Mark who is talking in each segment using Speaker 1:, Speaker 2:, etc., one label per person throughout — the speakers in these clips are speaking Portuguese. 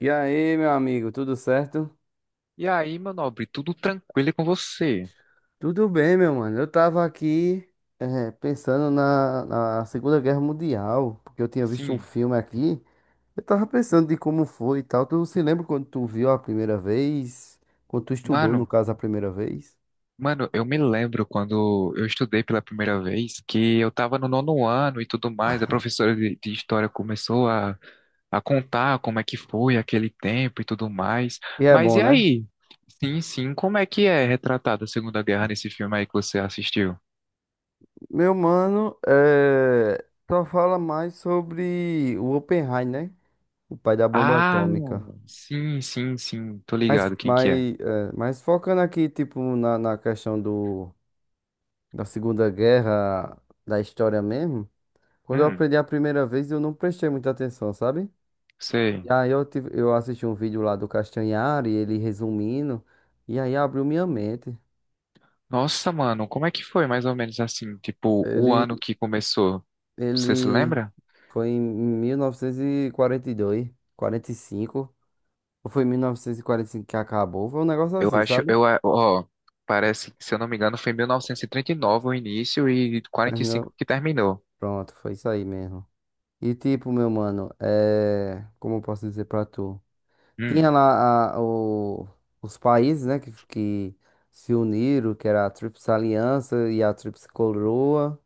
Speaker 1: E aí, meu amigo, tudo certo?
Speaker 2: E aí, meu nobre, tudo tranquilo com você?
Speaker 1: Tudo bem, meu mano. Eu tava aqui pensando na Segunda Guerra Mundial, porque eu tinha visto um
Speaker 2: Sim.
Speaker 1: filme aqui. Eu tava pensando de como foi e tal. Tu se lembra quando tu viu a primeira vez? Quando tu estudou, no
Speaker 2: Mano,
Speaker 1: caso, a primeira vez?
Speaker 2: mano, eu me lembro quando eu estudei pela primeira vez que eu tava no nono ano e tudo mais, a professora de história começou a contar como é que foi aquele tempo e tudo mais.
Speaker 1: E é
Speaker 2: Mas
Speaker 1: bom,
Speaker 2: e
Speaker 1: né?
Speaker 2: aí? Sim, sim, como é que é retratada a Segunda Guerra nesse filme aí que você assistiu?
Speaker 1: Meu mano, só fala mais sobre o Oppenheimer, né? O pai da bomba
Speaker 2: Ah,
Speaker 1: atômica.
Speaker 2: sim, sim, sim, tô
Speaker 1: Mas,
Speaker 2: ligado quem
Speaker 1: mas,
Speaker 2: que é.
Speaker 1: mas focando aqui, tipo, na questão do. Da Segunda Guerra, da história mesmo, quando eu
Speaker 2: Hum,
Speaker 1: aprendi a primeira vez, eu não prestei muita atenção, sabe?
Speaker 2: sei.
Speaker 1: E aí eu assisti um vídeo lá do Castanhari, ele resumindo, e aí abriu minha mente.
Speaker 2: Nossa, mano, como é que foi mais ou menos assim? Tipo, o ano
Speaker 1: Ele,
Speaker 2: que começou, você se
Speaker 1: ele
Speaker 2: lembra?
Speaker 1: foi em 1942, 45, ou foi em 1945 que acabou, foi um negócio
Speaker 2: Eu
Speaker 1: assim,
Speaker 2: acho,
Speaker 1: sabe?
Speaker 2: ó, parece que, se eu não me engano, foi em 1939 o início e
Speaker 1: Terminou,
Speaker 2: 45 que terminou.
Speaker 1: pronto, foi isso aí mesmo. E tipo, meu mano, é, como eu posso dizer pra tu? Tinha
Speaker 2: Hum,
Speaker 1: os países, né, que se uniram, que era a Tríplice Aliança e a Tríplice Coroa,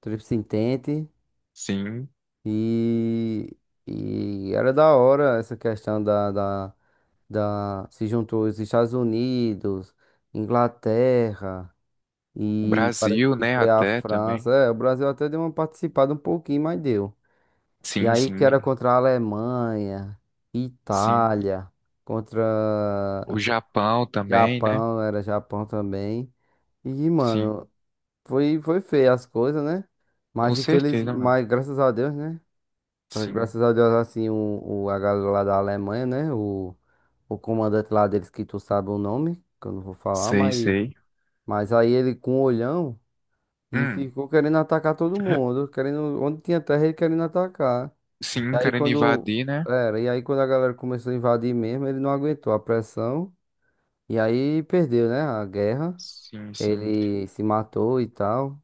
Speaker 1: Tríplice Entente,
Speaker 2: sim.
Speaker 1: e, e era da hora essa questão da Se juntou os Estados Unidos, Inglaterra,
Speaker 2: O
Speaker 1: e parece
Speaker 2: Brasil,
Speaker 1: que
Speaker 2: né,
Speaker 1: foi a
Speaker 2: até
Speaker 1: França.
Speaker 2: também.
Speaker 1: É, o Brasil até deu uma participada um pouquinho, mas deu. E
Speaker 2: Sim,
Speaker 1: aí que
Speaker 2: sim,
Speaker 1: era contra a Alemanha,
Speaker 2: sim.
Speaker 1: Itália, contra.
Speaker 2: O Japão também, né?
Speaker 1: Japão, era Japão também. E,
Speaker 2: Sim.
Speaker 1: mano, foi feia as coisas, né?
Speaker 2: Com
Speaker 1: Mas infeliz,
Speaker 2: certeza, mano.
Speaker 1: mas graças a Deus, né?
Speaker 2: Sim.
Speaker 1: Graças a Deus, assim, a galera lá da Alemanha, né? O comandante lá deles, que tu sabe o nome, que eu não vou falar,
Speaker 2: Sei, sei.
Speaker 1: mas aí ele com o olhão e
Speaker 2: Hum,
Speaker 1: ficou querendo atacar todo mundo, querendo, onde tinha terra ele querendo atacar. E
Speaker 2: sim,
Speaker 1: aí
Speaker 2: querendo invadir, né?
Speaker 1: e aí quando a galera começou a invadir mesmo, ele não aguentou a pressão e aí perdeu, né, a guerra.
Speaker 2: Sim, sim,
Speaker 1: Ele se matou e tal.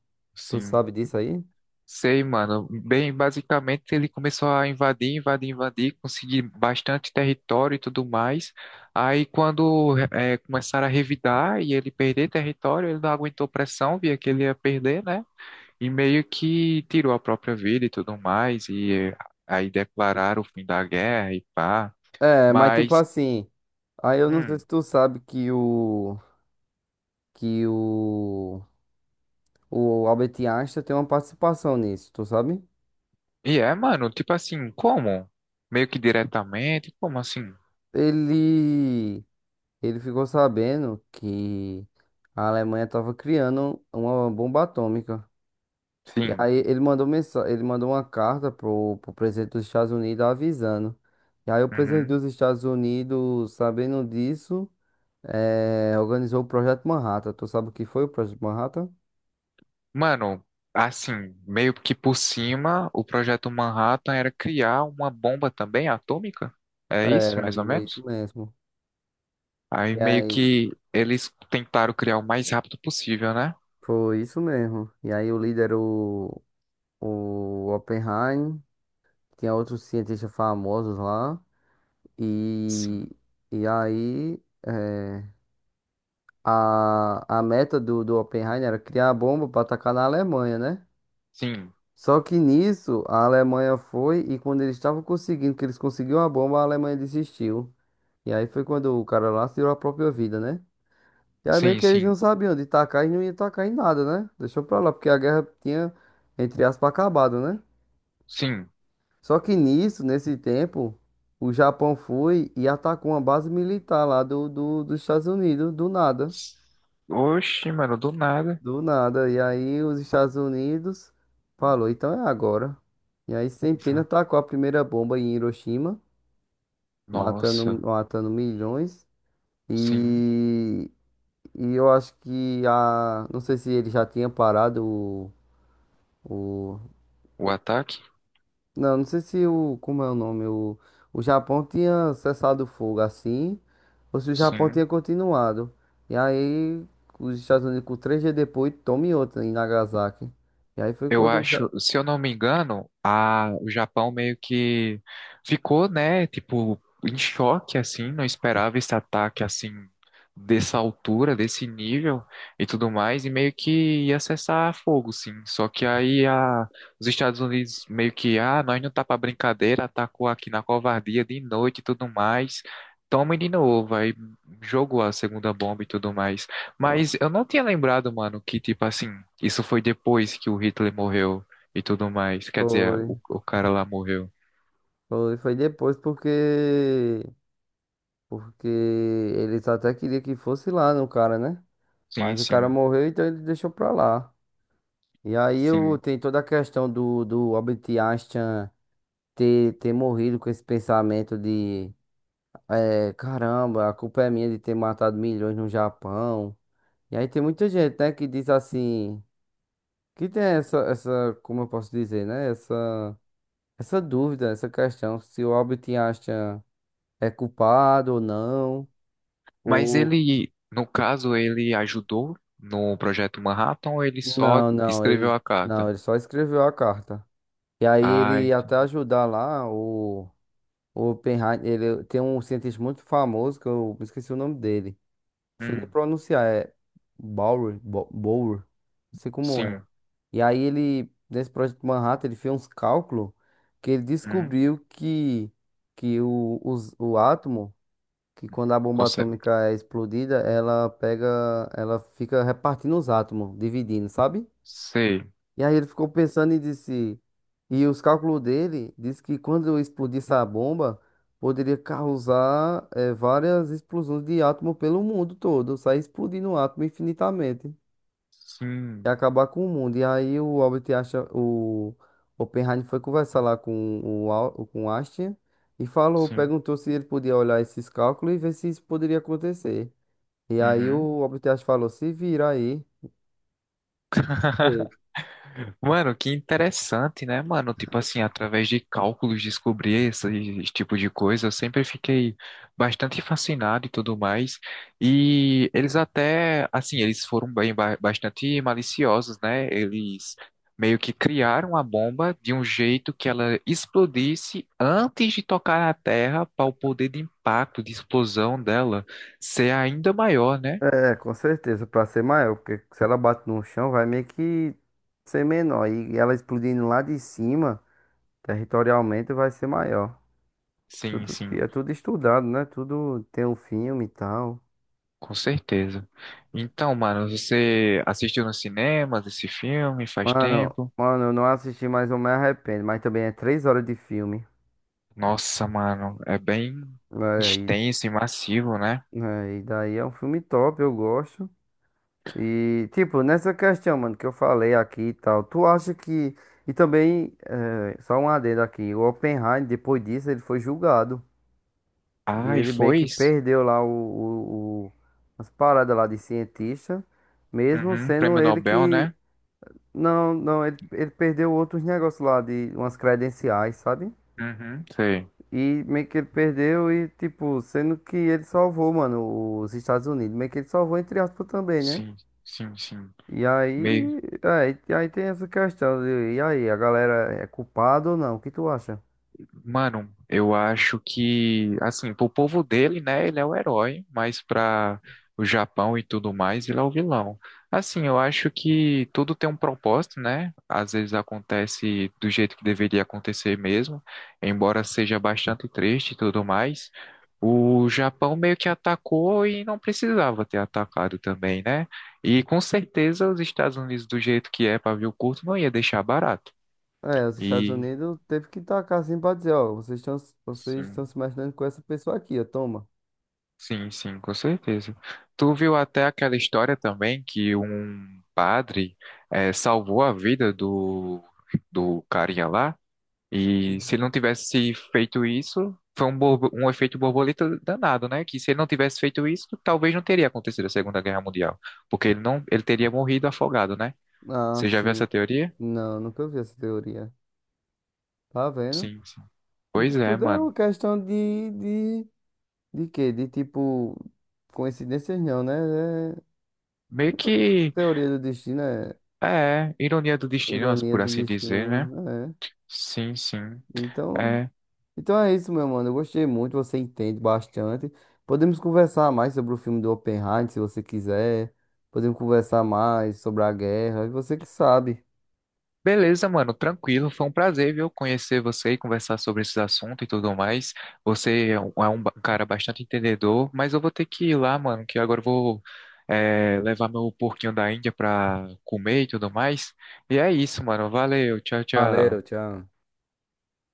Speaker 1: Tu
Speaker 2: sim.
Speaker 1: sabe disso aí?
Speaker 2: Sei, mano. Bem, basicamente ele começou a invadir, invadir, invadir, conseguir bastante território e tudo mais. Aí quando começaram a revidar e ele perder território, ele não aguentou pressão, via que ele ia perder, né? E meio que tirou a própria vida e tudo mais. E aí declararam o fim da guerra e pá.
Speaker 1: É, mas tipo
Speaker 2: Mas,
Speaker 1: assim, aí eu não sei
Speaker 2: hum,
Speaker 1: se tu sabe que o Albert Einstein tem uma participação nisso, tu sabe?
Speaker 2: e é, mano, tipo assim, como? Meio que diretamente, como assim?
Speaker 1: Ele ele ficou sabendo que a Alemanha estava criando uma bomba atômica. E
Speaker 2: Sim.
Speaker 1: aí ele ele mandou uma carta pro presidente dos Estados Unidos avisando. E aí o presidente
Speaker 2: Uhum.
Speaker 1: dos Estados Unidos, sabendo disso, organizou o Projeto Manhattan. Tu sabe o que foi o Projeto Manhattan?
Speaker 2: Mano, assim, meio que por cima, o projeto Manhattan era criar uma bomba também atômica? É isso,
Speaker 1: Era,
Speaker 2: mais ou
Speaker 1: é isso
Speaker 2: menos?
Speaker 1: mesmo.
Speaker 2: Aí
Speaker 1: E
Speaker 2: meio
Speaker 1: aí,
Speaker 2: que eles tentaram criar o mais rápido possível, né?
Speaker 1: foi isso mesmo. E aí o líder, o Oppenheim, tinha outros cientistas famosos lá. E,
Speaker 2: Sim.
Speaker 1: e aí, é, a meta do Oppenheim era criar a bomba para atacar na Alemanha, né?
Speaker 2: Sim,
Speaker 1: Só que nisso, a Alemanha foi e quando eles estavam conseguindo, que eles conseguiram a bomba, a Alemanha desistiu. E aí foi quando o cara lá tirou a própria vida, né? E aí meio
Speaker 2: sim,
Speaker 1: que eles
Speaker 2: sim,
Speaker 1: não sabiam de tacar e não ia tacar em nada, né? Deixou pra lá, porque a guerra tinha, entre aspas, acabado, né?
Speaker 2: sim.
Speaker 1: Só que nisso, nesse tempo, o Japão foi e atacou uma base militar lá dos Estados Unidos, do nada.
Speaker 2: Oxi, mano, do nada.
Speaker 1: Do nada. E aí os Estados Unidos falou, então é agora. E aí sem pena tacou a primeira bomba em Hiroshima, matando,
Speaker 2: Nossa,
Speaker 1: matando milhões.
Speaker 2: sim.
Speaker 1: E, e eu acho que a. Não sei se ele já tinha parado o. O
Speaker 2: O ataque?
Speaker 1: Não, não sei se como é o nome, o Japão tinha cessado o fogo assim, ou se o Japão
Speaker 2: Sim.
Speaker 1: tinha continuado. E aí, os Estados Unidos, com 3 dias depois, tome outra em Nagasaki. E aí foi
Speaker 2: Eu
Speaker 1: quando o Japão.
Speaker 2: acho, se eu não me engano, o Japão meio que ficou, né, tipo, em choque, assim, não esperava esse ataque, assim, dessa altura, desse nível e tudo mais, e meio que ia cessar fogo, sim. Só que aí os Estados Unidos meio que, ah, nós não tá pra brincadeira, atacou aqui na covardia de noite e tudo mais, toma de novo, aí jogou a segunda bomba e tudo mais. Mas eu não tinha lembrado, mano, que, tipo assim, isso foi depois que o Hitler morreu e tudo mais. Quer dizer,
Speaker 1: Foi,
Speaker 2: o cara lá morreu.
Speaker 1: foi depois porque, porque eles até queriam que fosse lá no cara, né?
Speaker 2: Sim,
Speaker 1: Mas o cara
Speaker 2: sim,
Speaker 1: morreu, então ele deixou pra lá. E aí eu,
Speaker 2: sim.
Speaker 1: tem toda a questão do, do Albert Einstein ter morrido com esse pensamento de É, caramba, a culpa é minha de ter matado milhões no Japão. E aí tem muita gente, né, que diz assim, que tem como eu posso dizer, né, essa dúvida, essa questão, se o Albert Einstein é culpado ou não,
Speaker 2: Mas
Speaker 1: ou.
Speaker 2: ele, no caso, ele ajudou no projeto Manhattan ou ele só
Speaker 1: Não, não,
Speaker 2: escreveu
Speaker 1: ele,
Speaker 2: a
Speaker 1: não,
Speaker 2: carta?
Speaker 1: ele só escreveu a carta. E aí
Speaker 2: Ah,
Speaker 1: ele ia até
Speaker 2: entendi.
Speaker 1: ajudar lá, o Oppenheimer, ele tem um cientista muito famoso, que eu esqueci o nome dele. Não sei nem
Speaker 2: Hum,
Speaker 1: pronunciar, é Bower, não sei como é.
Speaker 2: sim.
Speaker 1: E aí ele, nesse projeto Manhattan, ele fez uns cálculos que ele
Speaker 2: Hum,
Speaker 1: descobriu que o átomo, que quando a bomba
Speaker 2: consegue.
Speaker 1: atômica é explodida, ela pega, ela fica repartindo os átomos, dividindo, sabe?
Speaker 2: Sei.
Speaker 1: E aí ele ficou pensando e disse, e os cálculos dele diz que quando eu explodisse a bomba, poderia causar várias explosões de átomo pelo mundo todo, sair explodindo o átomo infinitamente e
Speaker 2: Sim,
Speaker 1: acabar com o mundo. E aí o Albert Einstein, o Oppenheimer foi conversar lá com com o Einstein e falou,
Speaker 2: sim.
Speaker 1: perguntou se ele podia olhar esses cálculos e ver se isso poderia acontecer. E aí
Speaker 2: Uhum.
Speaker 1: o Albert Einstein falou, se vira aí.
Speaker 2: Mano, que interessante, né, mano? Tipo assim, através de cálculos descobrir esse tipo de coisa, eu sempre fiquei bastante fascinado e tudo mais. E eles até, assim, eles foram bem bastante maliciosos, né? Eles meio que criaram a bomba de um jeito que ela explodisse antes de tocar na Terra, para o poder de impacto, de explosão dela ser ainda maior, né?
Speaker 1: É, com certeza, pra ser maior, porque se ela bate no chão, vai meio que ser menor. E ela explodindo lá de cima, territorialmente, vai ser maior.
Speaker 2: Sim,
Speaker 1: Tudo, e
Speaker 2: sim.
Speaker 1: é tudo estudado, né? Tudo tem um filme e tal.
Speaker 2: Com certeza. Então, mano, você assistiu nos cinemas esse filme faz
Speaker 1: Mano,
Speaker 2: tempo?
Speaker 1: mano, eu não assisti, mas eu me arrependo. Mas também é 3 horas de filme.
Speaker 2: Nossa, mano, é bem
Speaker 1: É, e,
Speaker 2: extenso e massivo, né?
Speaker 1: é, e daí é um filme top, eu gosto. E, tipo, nessa questão, mano, que eu falei aqui e tal, tu acha que. E também, é, só um adendo aqui, o Oppenheimer, depois disso, ele foi julgado. E
Speaker 2: Ah, e
Speaker 1: ele meio
Speaker 2: foi
Speaker 1: que
Speaker 2: isso?
Speaker 1: perdeu lá as paradas lá de cientista, mesmo
Speaker 2: Uhum,
Speaker 1: sendo
Speaker 2: prêmio
Speaker 1: ele
Speaker 2: Nobel,
Speaker 1: que.
Speaker 2: né?
Speaker 1: Não, não, ele perdeu outros negócios lá de umas credenciais, sabe?
Speaker 2: Uhum, sei.
Speaker 1: E meio que ele perdeu e, tipo, sendo que ele salvou, mano, os Estados Unidos. Meio que ele salvou, entre aspas, também, né?
Speaker 2: Sim, sim, sim.
Speaker 1: E aí, e aí tem essa questão de, e aí, a galera é culpada ou não? O que tu acha?
Speaker 2: Mano, eu acho que, assim, pro povo dele, né, ele é o herói, mas pra o Japão e tudo mais, ele é o vilão. Assim, eu acho que tudo tem um propósito, né? Às vezes acontece do jeito que deveria acontecer mesmo, embora seja bastante triste e tudo mais. O Japão meio que atacou e não precisava ter atacado também, né? E com certeza os Estados Unidos, do jeito que é pavio curto, não ia deixar barato.
Speaker 1: É, os Estados
Speaker 2: E,
Speaker 1: Unidos teve que tacar assim pra dizer, ó, vocês estão
Speaker 2: sim.
Speaker 1: se imaginando com essa pessoa aqui, ó, toma.
Speaker 2: Sim, sim, com certeza. Tu viu até aquela história também que um padre salvou a vida do carinha lá, e se ele não tivesse feito isso, foi um efeito borboleta danado, né? Que se ele não tivesse feito isso, talvez não teria acontecido a Segunda Guerra Mundial, porque ele não, ele teria morrido afogado, né?
Speaker 1: Ah,
Speaker 2: Você já viu
Speaker 1: sim.
Speaker 2: essa teoria?
Speaker 1: Não, nunca vi essa teoria. Tá vendo?
Speaker 2: Sim, sim. Pois
Speaker 1: Então
Speaker 2: é,
Speaker 1: tudo é uma
Speaker 2: mano.
Speaker 1: questão de quê? De tipo, coincidências não, né? É
Speaker 2: Meio que
Speaker 1: teoria do destino, é
Speaker 2: é ironia do destino,
Speaker 1: ironia
Speaker 2: por
Speaker 1: do
Speaker 2: assim dizer,
Speaker 1: destino,
Speaker 2: né?
Speaker 1: é.
Speaker 2: Sim, sim.
Speaker 1: Então,
Speaker 2: É.
Speaker 1: Então é isso, meu mano. Eu gostei muito, você entende bastante. Podemos conversar mais sobre o filme do Oppenheimer, se você quiser. Podemos conversar mais sobre a guerra, você que sabe.
Speaker 2: Beleza, mano, tranquilo. Foi um prazer, viu, conhecer você e conversar sobre esses assuntos e tudo mais. Você é um cara bastante entendedor, mas eu vou ter que ir lá, mano, que agora eu vou é, levar meu porquinho da Índia pra comer e tudo mais. E é isso, mano. Valeu, tchau,
Speaker 1: Valeu,
Speaker 2: tchau.
Speaker 1: tchau.